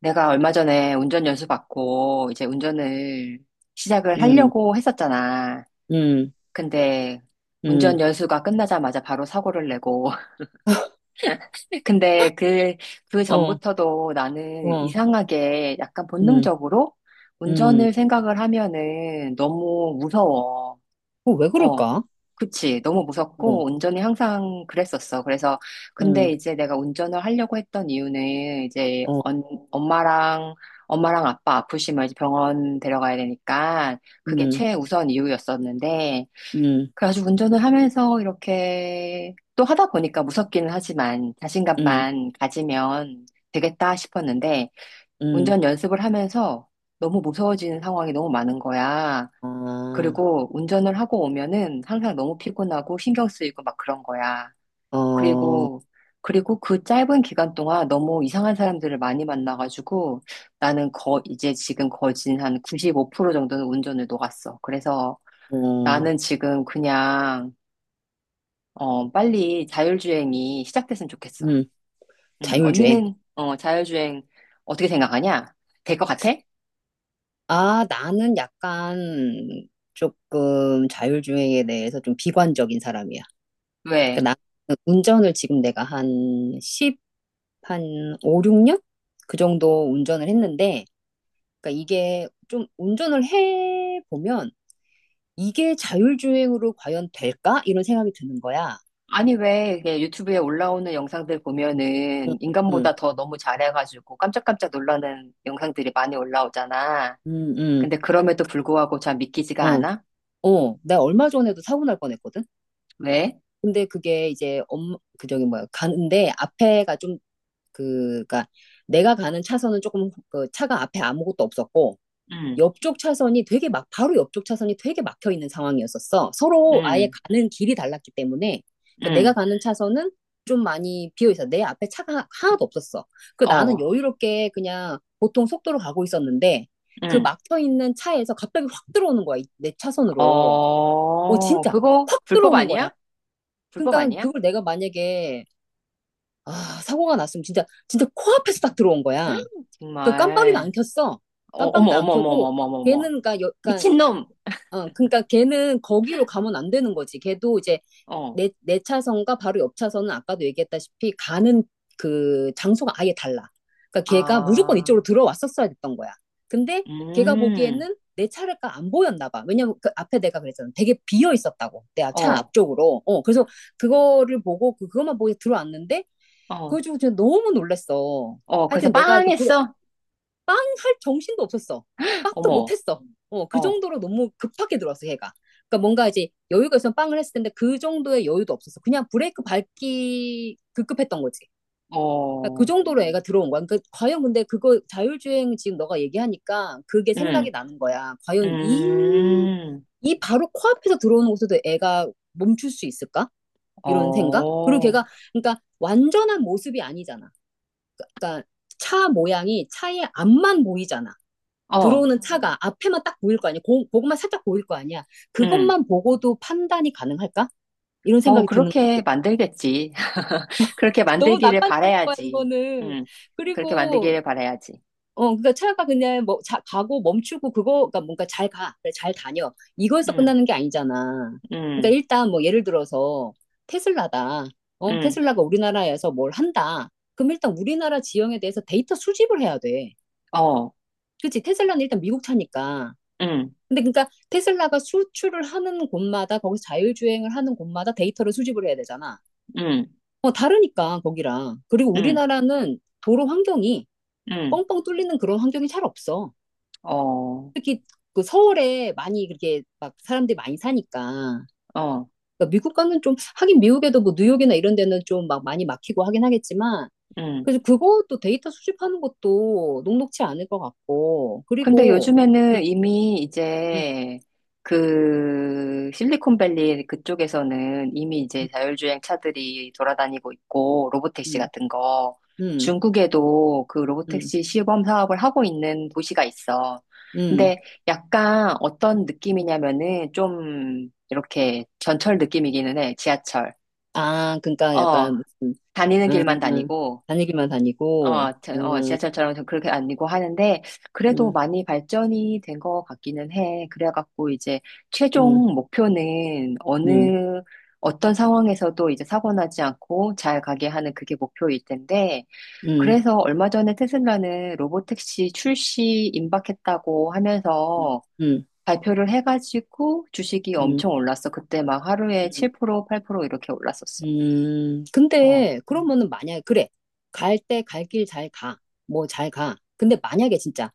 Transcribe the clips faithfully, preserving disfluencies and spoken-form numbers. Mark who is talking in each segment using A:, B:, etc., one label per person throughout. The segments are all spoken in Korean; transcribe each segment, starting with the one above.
A: 내가 얼마 전에 운전 연수 받고 이제 운전을 시작을
B: 음,
A: 하려고 했었잖아.
B: 음,
A: 근데 운전
B: 음.
A: 연수가 끝나자마자 바로 사고를 내고. 근데 그, 그
B: 어,
A: 전부터도 나는
B: 어,
A: 이상하게 약간
B: 음,
A: 본능적으로
B: 음.
A: 운전을 생각을 하면은 너무 무서워.
B: 어, 왜
A: 어,
B: 그럴까?
A: 그치. 너무
B: 어,
A: 무섭고, 운전이 항상 그랬었어. 그래서, 근데
B: 음,
A: 이제 내가 운전을 하려고 했던 이유는, 이제,
B: 어,
A: 언, 엄마랑, 엄마랑 아빠 아프시면 이제 병원 데려가야 되니까, 그게
B: 음,
A: 최우선 이유였었는데,
B: 음,
A: 그래가지고 운전을 하면서 이렇게, 또 하다 보니까 무섭기는 하지만,
B: 음,
A: 자신감만 가지면 되겠다 싶었는데,
B: 음.
A: 운전 연습을 하면서 너무 무서워지는 상황이 너무 많은 거야.
B: 아,
A: 그리고 운전을 하고 오면은 항상 너무 피곤하고 신경 쓰이고 막 그런 거야.
B: 어,
A: 그리고, 그리고 그 짧은 기간 동안 너무 이상한 사람들을 많이 만나가지고 나는 거, 이제 지금 거진 한 구십오 퍼센트 정도는 운전을 녹았어. 그래서
B: 어,
A: 나는 지금 그냥, 어, 빨리 자율주행이 시작됐으면 좋겠어.
B: 음.
A: 음,
B: 자율주행.
A: 언니는, 어, 자율주행 어떻게 생각하냐? 될 것 같아?
B: 아, 나는 약간 조금 자율주행에 대해서 좀 비관적인 사람이야.
A: 왜?
B: 그러니까 나 운전을 지금 내가 한 십, 한 오, 육 년? 그 정도 운전을 했는데, 그러니까 이게 좀 운전을 해보면 이게 자율주행으로 과연 될까? 이런 생각이 드는 거야.
A: 아니, 왜 이게 유튜브에 올라오는 영상들 보면은
B: 응,
A: 인간보다 더 너무 잘해가지고 깜짝깜짝 놀라는 영상들이 많이 올라오잖아.
B: 응, 응, 응.
A: 근데 그럼에도 불구하고 잘 믿기지가
B: 어,
A: 않아?
B: 어. 나 얼마 전에도 사고 날 뻔했거든?
A: 왜?
B: 근데 그게 이제 엄, 그 저기 뭐야. 가는데 앞에가 좀, 그, 그니까 내가 가는 차선은 조금 그 차가 앞에 아무것도 없었고,
A: 응,
B: 옆쪽 차선이 되게 막, 바로 옆쪽 차선이 되게 막혀 있는 상황이었었어. 서로 아예
A: 응,
B: 가는 길이 달랐기 때문에. 그러니까 내가
A: 응,
B: 가는 차선은 좀 많이 비어 있어. 내 앞에 차가 하나도 없었어. 그 나는
A: 어,
B: 여유롭게 그냥 보통 속도로 가고 있었는데 그
A: 응,
B: 막혀 있는 차에서 갑자기 확 들어오는 거야. 이- 내 차선으로. 어,
A: 어,
B: 진짜
A: 그거
B: 확
A: 불법
B: 들어오는 거야.
A: 아니야? 불법
B: 그러니까
A: 아니야?
B: 그걸 내가 만약에 아, 사고가 났으면 진짜 진짜 코앞에서 딱 들어온
A: 헉,
B: 거야. 그 깜빡이도 안
A: 정말.
B: 켰어.
A: 어, 어머,
B: 깜빡이도 안
A: 어머, 어머, 어머,
B: 켜고
A: 어머, 어머, 어머.
B: 걔는 그러니까, 여, 그러니까
A: 미친놈!
B: 어, 그러니까 걔는 거기로 가면 안 되는 거지. 걔도 이제
A: 어,
B: 내, 내 차선과 바로 옆 차선은 아까도 얘기했다시피 가는 그 장소가 아예 달라. 그러니까 걔가 무조건
A: 아,
B: 이쪽으로 들어왔었어야 됐던 거야. 근데 걔가
A: 음,
B: 보기에는 내 차례가 안 보였나 봐. 왜냐면 그 앞에 내가 그랬잖아. 되게 비어 있었다고. 내 차
A: 어,
B: 앞쪽으로. 어, 그래서 그거를 보고 그- 그것만 보고 들어왔는데 그거
A: 어,
B: 주고 진짜 너무 놀랬어.
A: 어, 그래서
B: 하여튼 내가 이렇게 불,
A: 빵했어.
B: 빵 할 정신도 없었어. 빵도
A: 어머.
B: 못했어. 어, 그
A: 어,
B: 정도로 너무 급하게 들어왔어, 얘가. 그러니까 뭔가 이제 여유가 있으면 빵을 했을 텐데 그 정도의 여유도 없었어. 그냥 브레이크 밟기 급급했던 거지. 그러니까 그
A: 어,
B: 정도로 애가 들어온 거야. 그러니까 과연 근데 그거 자율주행 지금 너가 얘기하니까 그게
A: 음,
B: 생각이 나는 거야. 과연 이,
A: 음,
B: 이 바로 코앞에서 들어오는 곳에도 애가 멈출 수 있을까? 이런 생각?
A: 어,
B: 그리고 걔가, 그러니까 완전한 모습이 아니잖아. 그러니까 차 모양이 차의 앞만 보이잖아.
A: 어,
B: 들어오는 차가 앞에만 딱 보일 거 아니야? 고, 그것만 살짝 보일 거 아니야?
A: 음,
B: 그것만 보고도 판단이 가능할까? 이런
A: 뭐,
B: 생각이 드는
A: 그렇게
B: 거지.
A: 만들겠지. 그렇게
B: 너무
A: 만들기를
B: 낙관적인 거야,
A: 바라야지.
B: 그거는.
A: 음, 그렇게
B: 그리고,
A: 만들기를 바라야지.
B: 어, 그러니까 차가 그냥 뭐, 자, 가고 멈추고 그거, 가 뭔가 잘 가, 그래, 잘 다녀. 이거에서
A: 음,
B: 끝나는 게 아니잖아. 그러니까
A: 음,
B: 일단 뭐 예를 들어서 테슬라다. 어,
A: 음,
B: 테슬라가 우리나라에서 뭘 한다. 그럼 일단 우리나라 지형에 대해서 데이터 수집을 해야 돼.
A: 어,
B: 그치? 테슬라는 일단 미국 차니까.
A: 음,
B: 근데 그러니까 테슬라가 수출을 하는 곳마다 거기서 자율주행을 하는 곳마다 데이터를 수집을 해야 되잖아.
A: 음,
B: 어, 다르니까 거기랑. 그리고
A: 음,
B: 우리나라는 도로 환경이
A: 음,
B: 뻥뻥 뚫리는 그런 환경이 잘 없어.
A: 어,
B: 특히 그 서울에 많이 그렇게 막 사람들이 많이 사니까.
A: 어,
B: 그러니까 미국과는 좀 하긴 미국에도 뭐 뉴욕이나 이런 데는 좀 막 많이 막히고 하긴 하겠지만
A: 음.
B: 그래서 그것도 데이터 수집하는 것도 녹록치 않을 것 같고
A: 근데
B: 그리고 음,
A: 요즘에는 이미
B: 음,
A: 이제 그 실리콘밸리 그쪽에서는 이미 이제 자율주행 차들이 돌아다니고 있고 로보택시
B: 음,
A: 같은 거
B: 음,
A: 중국에도 그
B: 음,
A: 로보택시 시범 사업을 하고 있는 도시가 있어.
B: 음.
A: 근데 약간 어떤 느낌이냐면은 좀 이렇게 전철 느낌이기는 해. 지하철.
B: 아, 그러니까
A: 어,
B: 약간 무슨
A: 다니는 길만
B: 음,
A: 다니고
B: 다니기만 다니고
A: 어, 저- 어, 지하철처럼 좀 그렇게 아니고 하는데, 그래도
B: 음,
A: 많이 발전이 된 것 같기는 해. 그래갖고 이제
B: 음,
A: 최종 목표는
B: 음,
A: 어느, 어떤 상황에서도 이제 사고 나지 않고 잘 가게 하는 그게 목표일 텐데,
B: 음,
A: 그래서 얼마 전에 테슬라는 로보택시 출시 임박했다고 하면서
B: 음,
A: 발표를 해가지고 주식이
B: 음,
A: 엄청 올랐어. 그때 막 하루에
B: 음,
A: 칠 퍼센트, 팔 퍼센트 이렇게 올랐었어.
B: 음.
A: 어,
B: 근데 그러면은 만약에 그래 갈 때 갈 길 잘 가. 뭐 잘 가. 근데 만약에 진짜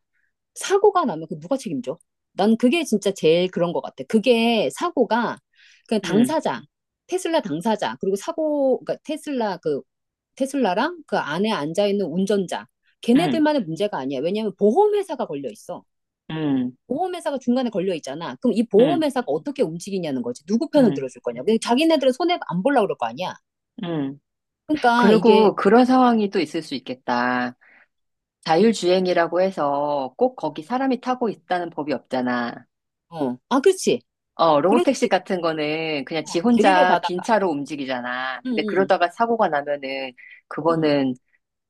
B: 사고가 나면 그 누가 책임져? 난 그게 진짜 제일 그런 것 같아. 그게 사고가 그냥
A: 음,
B: 당사자 테슬라 당사자 그리고 사고 그러니까 테슬라 그 테슬라랑 그 안에 앉아있는 운전자,
A: 음,
B: 걔네들만의 문제가 아니야. 왜냐하면 보험회사가 걸려 있어.
A: 음,
B: 보험회사가 중간에 걸려 있잖아. 그럼 이
A: 음,
B: 보험회사가 어떻게 움직이냐는 거지. 누구 편을
A: 음,
B: 들어줄 거냐. 그냥 자기네들은 손해 안 보려고 그럴 거 아니야.
A: 음.
B: 그러니까 이게,
A: 그리고 그런 상황이 또 있을 수 있겠다. 자율주행이라고 해서 꼭 거기 사람이 타고 있다는 법이 없잖아.
B: 어, 아, 그렇지.
A: 어,
B: 그럴
A: 로보택시
B: 수도 있고,
A: 같은 거는 그냥 지
B: 어, 데리러
A: 혼자 빈
B: 가다가,
A: 차로 움직이잖아.
B: 응,
A: 근데
B: 응,
A: 그러다가 사고가 나면은
B: 응,
A: 그거는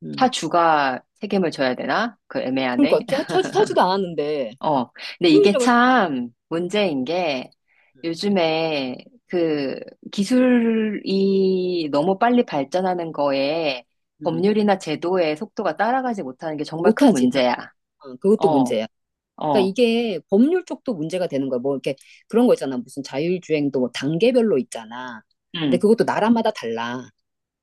B: 응.
A: 차 주가 책임을 져야 되나? 그 애매하네.
B: 그러니까 차, 차, 타지도 않았는데,
A: 어. 근데 이게
B: 소유자가,
A: 참
B: 음,
A: 문제인 게 요즘에 그 기술이 너무 빨리 발전하는 거에
B: 음.
A: 법률이나 제도의 속도가 따라가지 못하는 게 정말 큰
B: 못하지. 다,
A: 문제야.
B: 어, 그것도
A: 어,
B: 문제야. 그러니까
A: 어,
B: 이게 법률 쪽도 문제가 되는 거야. 뭐 이렇게 그런 거 있잖아. 무슨 자율주행도 뭐 단계별로 있잖아. 근데
A: 음,
B: 그것도 나라마다 달라.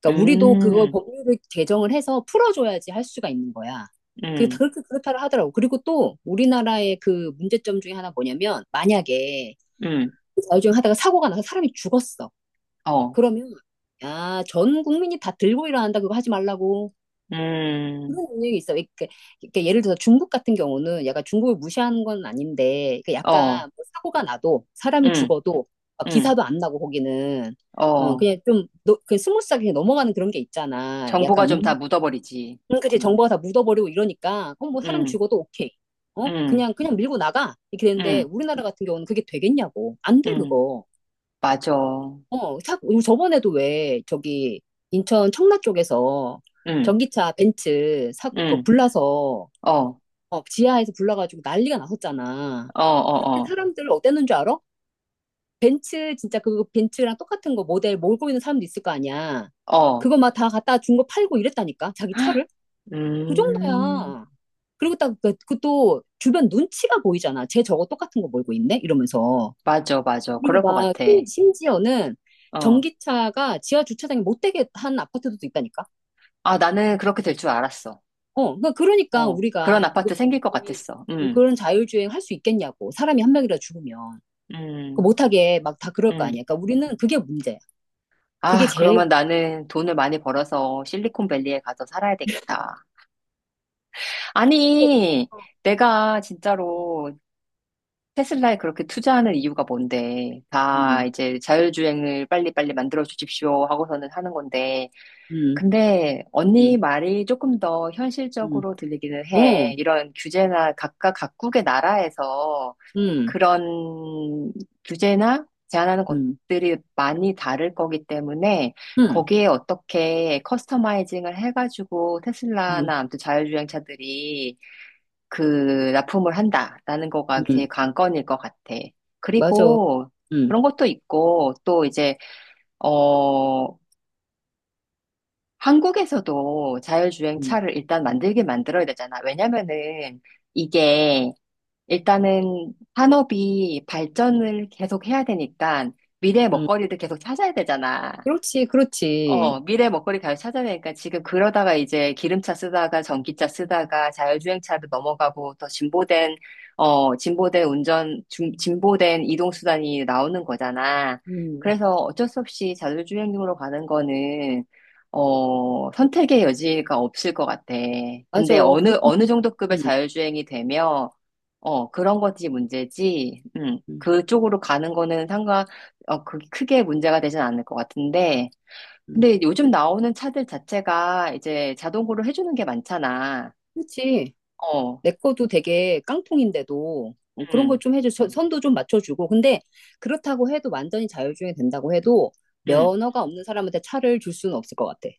B: 그러니까 우리도 그걸
A: 음,
B: 법률을 개정을 해서 풀어줘야지 할 수가 있는 거야. 그
A: 음,
B: 그렇게 그렇다 하더라고. 그리고 또 우리나라의 그 문제점 중에 하나 뭐냐면 만약에
A: 음,
B: 자율주행 하다가 사고가 나서 사람이 죽었어.
A: 어,
B: 그러면 야, 전 국민이 다 들고 일어난다 그거 하지 말라고. 그런
A: 음,
B: 영역이 있어. 이렇게, 이렇게 예를 들어서 중국 같은 경우는 약간 중국을 무시하는 건 아닌데, 그
A: 어,
B: 약간 뭐 사고가 나도, 사람이
A: 음,
B: 죽어도, 막
A: 음,
B: 기사도 안 나고, 거기는. 어,
A: 어.
B: 그냥 좀, 너, 그 스무스하게 그냥 넘어가는 그런 게 있잖아.
A: 정보가
B: 약간
A: 좀 다
B: 입맛.
A: 묻어버리지.
B: 응, 그치. 정보가 다 묻어버리고 이러니까, 어, 뭐 사람
A: 음,
B: 죽어도 오케이. 어?
A: 음,
B: 그냥, 그냥 밀고 나가. 이렇게 되는데,
A: 음,
B: 우리나라 같은 경우는 그게 되겠냐고. 안 돼,
A: 음,
B: 그거.
A: 맞아.
B: 어, 자, 우리 저번에도 왜, 저기, 인천 청라 쪽에서
A: 음,
B: 전기차 벤츠 사고, 그
A: 음,
B: 불나서,
A: 어, 어,
B: 어, 지하에서 불러가지고 난리가 났었잖아.
A: 어,
B: 그때
A: 어.
B: 사람들 어땠는 줄 알아? 벤츠 진짜 그 벤츠랑 똑같은 거 모델 몰고 있는 사람도 있을 거 아니야.
A: 어,
B: 그거 막 다 갖다 준 거 팔고 이랬다니까 자기 차를 그
A: 음,
B: 정도야. 그리고 딱그또 주변 눈치가 보이잖아. 쟤 저거 똑같은 거 몰고 있네 이러면서.
A: 맞아, 맞아.
B: 그리고
A: 그럴 것
B: 막
A: 같아.
B: 심- 심지어는
A: 어.
B: 전기차가 지하 주차장에 못 되게 한 아파트도 있다니까.
A: 아, 나는 그렇게 될 줄 알았어.
B: 어, 그러니까 그러니까
A: 어, 그런
B: 우리가 그거
A: 아파트 생길 것 같았어.
B: 어,
A: 음,
B: 그런 자율주행 할 수 있겠냐고 사람이 한 명이라 죽으면. 그
A: 음,
B: 못하게 막 다 그럴 거
A: 음.
B: 아니야. 그러니까 우리는 그게 문제야. 그게
A: 아,
B: 제일
A: 그러면 나는 돈을 많이 벌어서 실리콘밸리에 가서 살아야 되겠다. 아니, 내가 진짜로 테슬라에 그렇게 투자하는 이유가 뭔데? 다
B: 음,
A: 이제 자율주행을 빨리빨리 만들어 주십시오 하고서는 하는 건데.
B: 음,
A: 근데 언니
B: 음,
A: 말이 조금 더
B: 음,
A: 현실적으로 들리기는 해.
B: 어,
A: 이런 규제나 각각 각국의 나라에서
B: 음,
A: 그런 규제나 제한하는
B: 음,
A: 것들이 많이 다를 거기 때문에
B: 음,
A: 거기에 어떻게 커스터마이징을 해가지고
B: 음,
A: 테슬라나 아무튼 자율주행차들이 그 납품을 한다라는 거가
B: 음,
A: 제일 관건일 것 같아.
B: 맞아.
A: 그리고
B: 음,
A: 그런 것도 있고 또 이제 어... 한국에서도 자율주행
B: 음,
A: 차를 일단 만들게 만들어야 되잖아. 왜냐면은 이게 일단은 산업이
B: 음,
A: 발전을 계속 해야 되니까 미래의
B: 음.
A: 먹거리를 계속 찾아야 되잖아.
B: 그렇지,
A: 어,
B: 그렇지.
A: 미래 먹거리 가요 찾아내니까 지금 그러다가 이제 기름차 쓰다가 전기차 쓰다가 자율주행차로 넘어가고 더 진보된, 어, 진보된 운전, 중- 진보된 이동수단이 나오는 거잖아.
B: 음,
A: 그래서 어쩔 수 없이 자율주행용으로 가는 거는, 어, 선택의 여지가 없을 것 같아.
B: 맞아.
A: 근데 어느,
B: 그렇게
A: 어느 정도 급의
B: 생각해. 음,
A: 자율주행이 되면, 어, 그런 거지 문제지. 음,
B: 음,
A: 그쪽으로 가는 거는 상관, 어, 그, 크게 문제가 되진 않을 것 같은데,
B: 음.
A: 근데 요즘 나오는 차들 자체가 이제 자동으로 해주는 게 많잖아.
B: 그렇지.
A: 어,
B: 내 거도 되게 깡통인데도 어, 그런
A: 응,
B: 걸 좀 해줘. 선- 선도 좀 맞춰주고. 근데 그렇다고 해도 완전히 자율주행이 된다고 해도
A: 응.
B: 면허가 없는 사람한테 차를 줄 수는 없을 것 같아.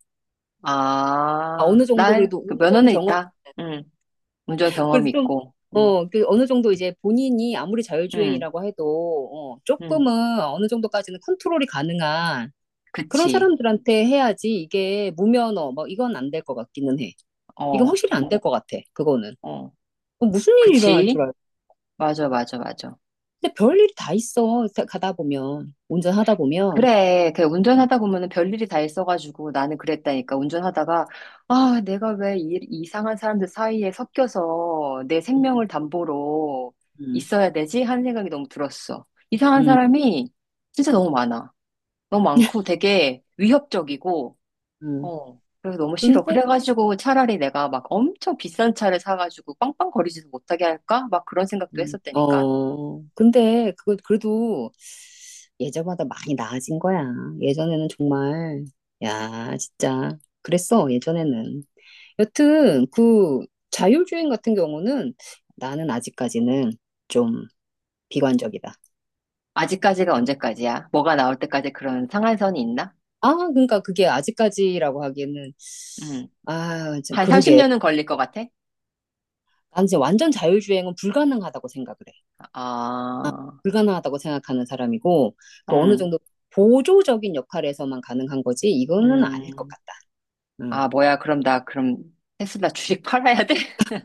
B: 아,
A: 아,
B: 어느 정도 그래도
A: 날그
B: 운전
A: 면허는
B: 경험,
A: 있다. 응, 운전
B: 그래도
A: 경험이
B: 좀,
A: 있고. 응,
B: 어, 그 어느 정도 이제 본인이 아무리
A: 응,
B: 자율주행이라고 해도, 어,
A: 응.
B: 조금은 어느 정도까지는 컨트롤이 가능한 그런
A: 그치.
B: 사람들한테 해야지 이게 무면허, 뭐 이건 안 될 것 같기는 해. 이건
A: 어,
B: 확실히 안 될 것 같아, 그거는.
A: 어.
B: 어, 무슨 일이 일어날 줄
A: 그치.
B: 알고.
A: 맞아, 맞아, 맞아.
B: 근데 별일이 다 있어, 가- 가다 보면. 운전하다 보면.
A: 그래, 그
B: 음,
A: 운전하다 보면은 별일이 다 있어가지고 나는 그랬다니까. 운전하다가, 아, 내가 왜 이, 이상한 사람들 사이에 섞여서 내
B: 음,
A: 생명을 담보로
B: 음,
A: 있어야 되지? 하는 생각이 너무 들었어. 이상한
B: 음.
A: 사람이 진짜 너무 많아. 너무 많고 되게 위협적이고,
B: 음.
A: 어, 그래서 너무 싫어.
B: 근데,
A: 그래가지고 차라리 내가 막 엄청 비싼 차를 사가지고 빵빵거리지도 못하게 할까? 막 그런 생각도
B: 음,
A: 했었다니까.
B: 어, 근데, 그거, 그래도, 예전보다 많이 나아진 거야. 예전에는 정말, 야, 진짜. 그랬어, 예전에는. 여튼, 그 자율주행 같은 경우는 나는 아직까지는 좀 비관적이다.
A: 아직까지가 언제까지야? 뭐가 나올 때까지 그런 상한선이 있나?
B: 아, 그러니까 그게 아직까지라고 하기에는,
A: 음.
B: 아, 참,
A: 한
B: 그러게.
A: 삼십 년은 걸릴 것 같아?
B: 난 이제 완전 자율주행은 불가능하다고 생각을 해.
A: 아,
B: 불가능하다고 생각하는 사람이고, 그 어느
A: 응,
B: 정도 보조적인 역할에서만 가능한 거지, 이거는 아닐 것
A: 음.
B: 같다. 음.
A: 아, 뭐야, 그럼 나, 그럼 테슬라 주식 팔아야 돼?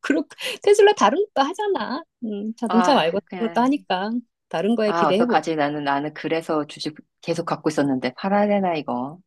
B: 그렇 테슬라 다른 것도 하잖아. 음, 자동차 말고
A: 아,
B: 다른 것도
A: 그냥,
B: 하니까 다른 거에
A: 아,
B: 기대해보자.
A: 어떡하지? 나는, 나는 그래서 주식 계속 갖고 있었는데 팔아야 되나, 이거?